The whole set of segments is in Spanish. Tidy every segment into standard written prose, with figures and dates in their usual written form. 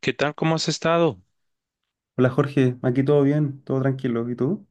¿Qué tal? ¿Cómo has estado? Hola Jorge, aquí todo bien, todo tranquilo. ¿Y tú?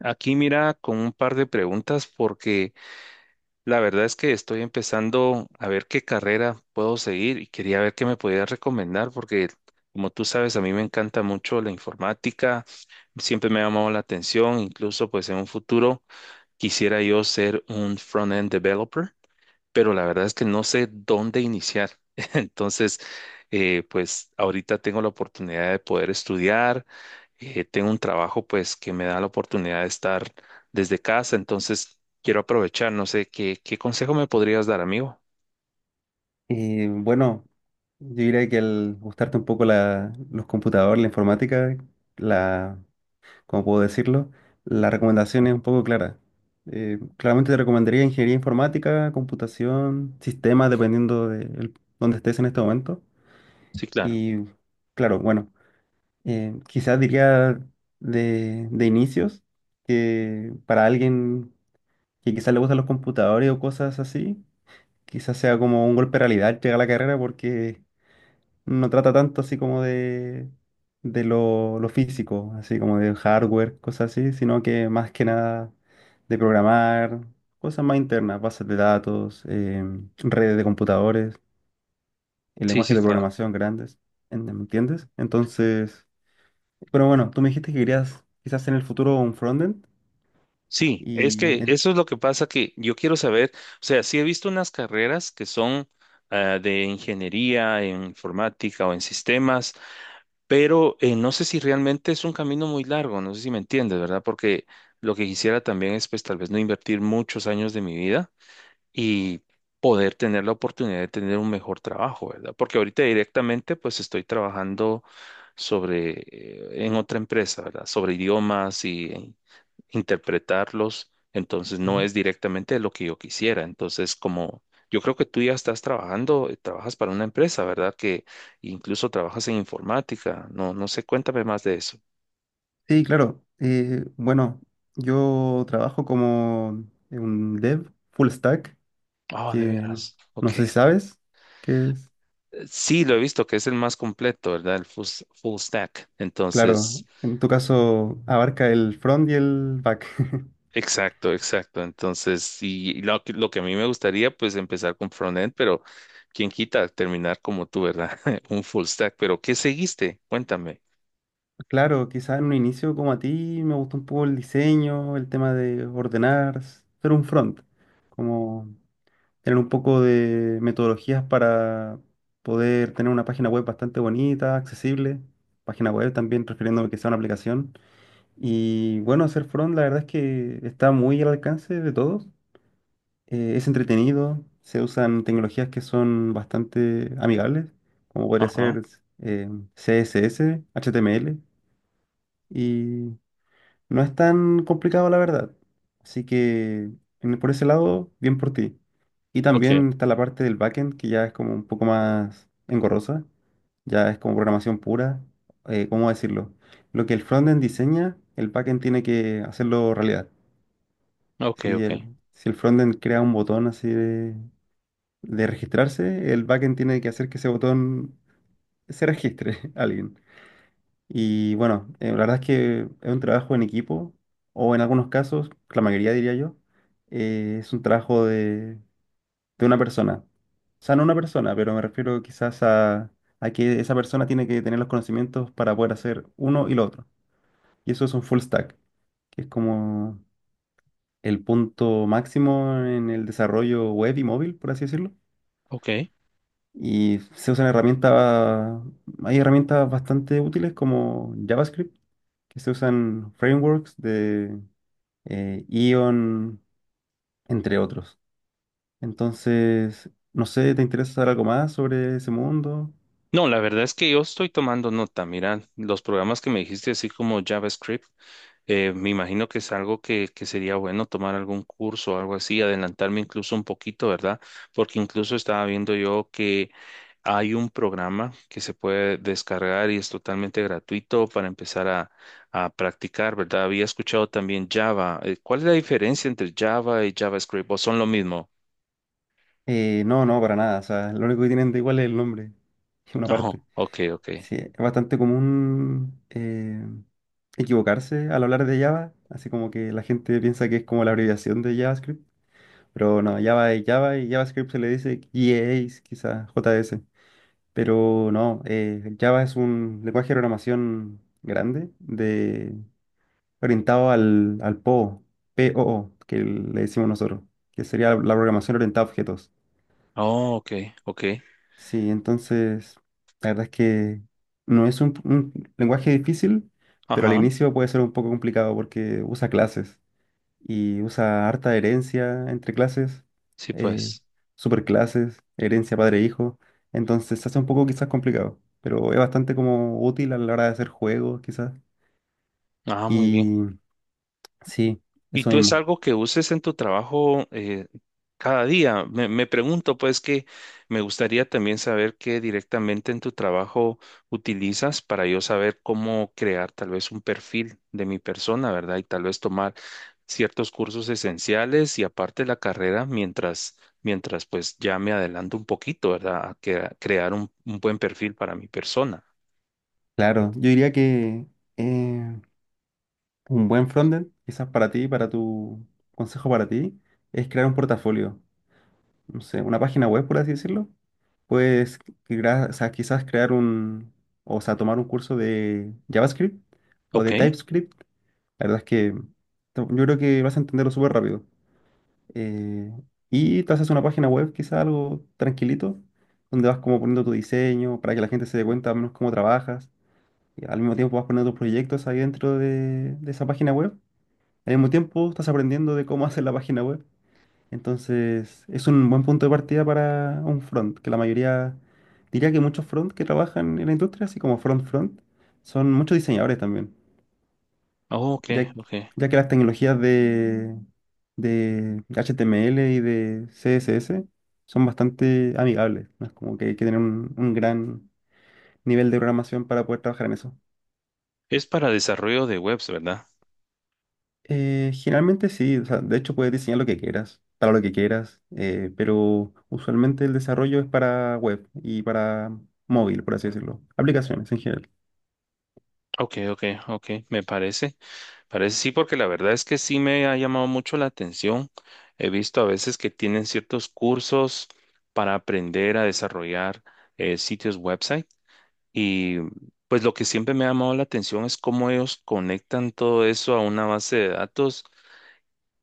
Aquí mira con un par de preguntas porque la verdad es que estoy empezando a ver qué carrera puedo seguir y quería ver qué me podías recomendar porque como tú sabes a mí me encanta mucho la informática, siempre me ha llamado la atención, incluso pues en un futuro quisiera yo ser un front-end developer pero la verdad es que no sé dónde iniciar. Entonces, pues ahorita tengo la oportunidad de poder estudiar, tengo un trabajo pues que me da la oportunidad de estar desde casa, entonces quiero aprovechar, no sé, ¿qué consejo me podrías dar, amigo? Y bueno, yo diría que al gustarte un poco los computadores, la informática, la, ¿cómo puedo decirlo? La recomendación es un poco clara. Claramente te recomendaría ingeniería informática, computación, sistemas, dependiendo de dónde estés en este momento. Sí, claro. Y claro, bueno, quizás diría de inicios que para alguien que quizás le gustan los computadores o cosas así, quizás sea como un golpe de realidad al llegar a la carrera porque no trata tanto así como de lo físico, así como de hardware, cosas así, sino que más que nada de programar, cosas más internas, bases de datos, redes de computadores, y Sí, lenguajes sí, de claro. programación grandes, ¿me entiendes? Entonces, pero bueno, tú me dijiste que querías quizás en el futuro un frontend Sí, es y... que en- eso es lo que pasa que yo quiero saber, o sea, sí he visto unas carreras que son ah, de ingeniería en informática o en sistemas, pero no sé si realmente es un camino muy largo, no sé si me entiendes, ¿verdad? Porque lo que quisiera también es pues tal vez no invertir muchos años de mi vida y poder tener la oportunidad de tener un mejor trabajo, ¿verdad? Porque ahorita directamente pues estoy trabajando sobre, en otra empresa, ¿verdad? Sobre idiomas y interpretarlos, entonces no es directamente lo que yo quisiera. Entonces, como yo creo que tú ya estás trabajando, trabajas para una empresa, ¿verdad? Que incluso trabajas en informática. No, no sé, cuéntame más de eso. Sí, claro. Bueno, yo trabajo como un dev full stack, Oh, que de no, veras. Ok. no sé si sabes qué es. Sí, lo he visto que es el más completo, ¿verdad? El full, full stack. Claro, Entonces, en tu caso abarca el front y el back. exacto, exacto. Entonces, y, lo, lo que a mí me gustaría, pues empezar con frontend, pero quién quita terminar como tú, ¿verdad? Un full stack. Pero, ¿qué seguiste? Cuéntame. Claro, quizás en un inicio como a ti me gustó un poco el diseño, el tema de ordenar, ser un front, como tener un poco de metodologías para poder tener una página web bastante bonita, accesible, página web también, refiriéndome que sea una aplicación. Y bueno, hacer front la verdad es que está muy al alcance de todos. Es entretenido, se usan tecnologías que son bastante amigables, como podría Ajá. ser eh, CSS, HTML, y no es tan complicado la verdad. Así que por ese lado, bien por ti. Y Ok, también está la parte del backend, que ya es como un poco más engorrosa, ya es como programación pura. ¿Cómo decirlo? Lo que el frontend diseña, el backend tiene que hacerlo realidad. ok, Si ok, el, si el frontend crea un botón así de registrarse, el backend tiene que hacer que ese botón se registre a alguien. Y bueno, la verdad es que es un trabajo en equipo, o en algunos casos, la mayoría diría yo, es un trabajo de una persona. O sea, no una persona, pero me refiero quizás a que esa persona tiene que tener los conocimientos para poder hacer uno y lo otro. Y eso es un full stack, que es como el punto máximo en el desarrollo web y móvil, por así decirlo. ok. Y se usan herramientas, hay herramientas bastante útiles como JavaScript, que se usan frameworks de Ion, entre otros. Entonces, no sé, ¿te interesa saber algo más sobre ese mundo? No, la verdad es que yo estoy tomando nota. Mira, los programas que me dijiste, así como JavaScript, me imagino que es algo que sería bueno tomar algún curso o algo así, adelantarme incluso un poquito, ¿verdad? Porque incluso estaba viendo yo que hay un programa que se puede descargar y es totalmente gratuito para empezar a practicar, ¿verdad? Había escuchado también Java. ¿Cuál es la diferencia entre Java y JavaScript? ¿O son lo mismo? No, para nada. O sea, lo único que tienen de igual es el nombre, una Ajá, parte. ok, ok. Sí, es bastante común equivocarse al hablar de Java, así como que la gente piensa que es como la abreviación de JavaScript, pero no, Java es Java y JavaScript se le dice J A S, quizás J S, pero no. Java es un lenguaje de programación grande de, orientado al PO, POO, que le decimos nosotros, que sería la programación orientada a objetos. Oh, ok, ok. Sí, entonces, la verdad es que no es un lenguaje difícil, pero al Ajá, inicio puede ser un poco complicado porque usa clases y usa harta herencia entre clases, sí, eh, pues. superclases, herencia padre-hijo. Entonces se hace un poco quizás complicado, pero es bastante como útil a la hora de hacer juegos quizás. Ah, muy bien. Y sí, ¿Y eso tú es mismo. algo que uses en tu trabajo cada día? Me pregunto, pues, que me gustaría también saber qué directamente en tu trabajo utilizas para yo saber cómo crear tal vez un perfil de mi persona, ¿verdad? Y tal vez tomar ciertos cursos esenciales y aparte la carrera mientras pues ya me adelanto un poquito, ¿verdad? A crear un buen perfil para mi persona. Claro, yo diría que eh, un buen frontend, quizás para ti, para tu consejo para ti, es crear un portafolio, no sé, una página web, por así decirlo. Puedes o sea, quizás o sea, tomar un curso de JavaScript o Ok, de TypeScript. La verdad es que yo creo que vas a entenderlo súper rápido. Eh, y te haces una página web, quizás algo tranquilito, donde vas como poniendo tu diseño para que la gente se dé cuenta al menos cómo trabajas. Y al mismo tiempo vas poniendo tus proyectos ahí dentro de esa página web. Al mismo tiempo estás aprendiendo de cómo hacer la página web. Entonces, es un buen punto de partida para un front, que la mayoría, diría que muchos front que trabajan en la industria, así como front front, son muchos diseñadores también, oh, ok, ya, ok. ya que las tecnologías de HTML y de CSS son bastante amigables, ¿no? Es como que hay que tener un gran nivel de programación para poder trabajar en eso. ¿Es para desarrollo de webs, verdad? Generalmente sí, o sea, de hecho puedes diseñar lo que quieras, para lo que quieras, pero usualmente el desarrollo es para web y para móvil, por así decirlo, aplicaciones en general. Ok, ok, ok, me parece, parece sí, porque la verdad es que sí me ha llamado mucho la atención. He visto a veces que tienen ciertos cursos para aprender a desarrollar sitios website y pues lo que siempre me ha llamado la atención es cómo ellos conectan todo eso a una base de datos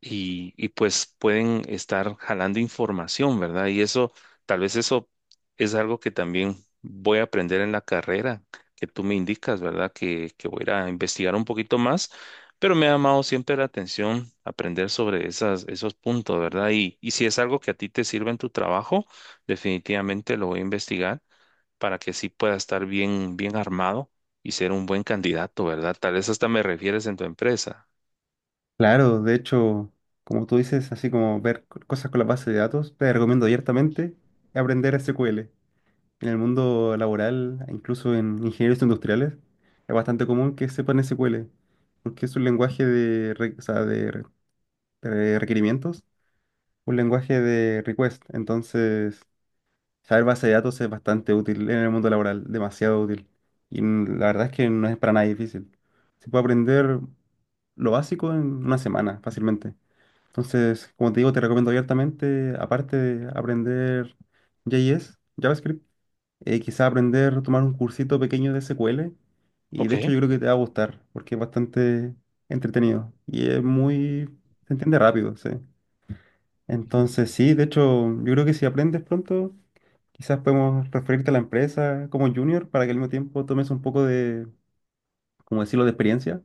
y pues pueden estar jalando información, ¿verdad? Y eso, tal vez eso es algo que también voy a aprender en la carrera que tú me indicas, ¿verdad? Que voy a ir a investigar un poquito más, pero me ha llamado siempre la atención aprender sobre esas, esos puntos, ¿verdad? Y si es algo que a ti te sirve en tu trabajo, definitivamente lo voy a investigar para que sí pueda estar bien, bien armado y ser un buen candidato, ¿verdad? Tal vez hasta me refieres en tu empresa. Claro, de hecho, como tú dices, así como ver cosas con la base de datos, te recomiendo abiertamente aprender SQL. En el mundo laboral, incluso en ingenieros industriales, es bastante común que sepan SQL, porque es un lenguaje o sea, de requerimientos, un lenguaje de request. Entonces, saber base de datos es bastante útil en el mundo laboral, demasiado útil. Y la verdad es que no es para nada difícil. Se puede aprender lo básico en una semana, fácilmente. Entonces, como te digo, te recomiendo abiertamente, aparte de aprender JS, JavaScript, quizá aprender, tomar un cursito pequeño de SQL. Y Ok. de hecho yo creo que te va a gustar, porque es bastante entretenido. Y es muy, se entiende rápido, sí. Entonces, sí, de hecho, yo creo que si aprendes pronto... Quizás podemos referirte a la empresa como junior para que al mismo tiempo tomes un poco de, como decirlo, de experiencia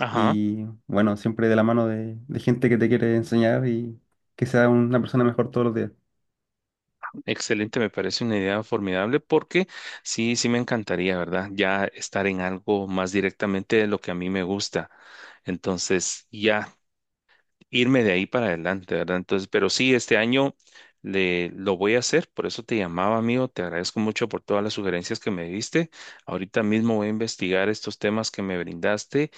Ajá. y bueno, siempre de la mano de gente que te quiere enseñar y que sea una persona mejor todos los días. Excelente, me parece una idea formidable porque sí, sí me encantaría, ¿verdad? Ya estar en algo más directamente de lo que a mí me gusta. Entonces, ya irme de ahí para adelante, ¿verdad? Entonces, pero sí, este año lo voy a hacer, por eso te llamaba, amigo. Te agradezco mucho por todas las sugerencias que me diste. Ahorita mismo voy a investigar estos temas que me brindaste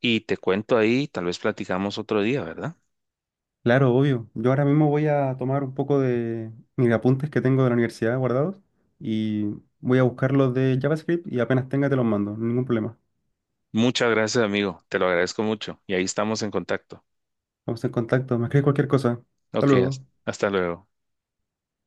y te cuento ahí, tal vez platicamos otro día, ¿verdad? Claro, obvio. Yo ahora mismo voy a tomar un poco de mis apuntes que tengo de la universidad guardados y voy a buscar los de JavaScript y apenas tenga te los mando, ningún problema. Muchas gracias, amigo. Te lo agradezco mucho y ahí estamos en contacto. Vamos en contacto, me escribes cualquier cosa. Hasta Ok, luego. hasta luego.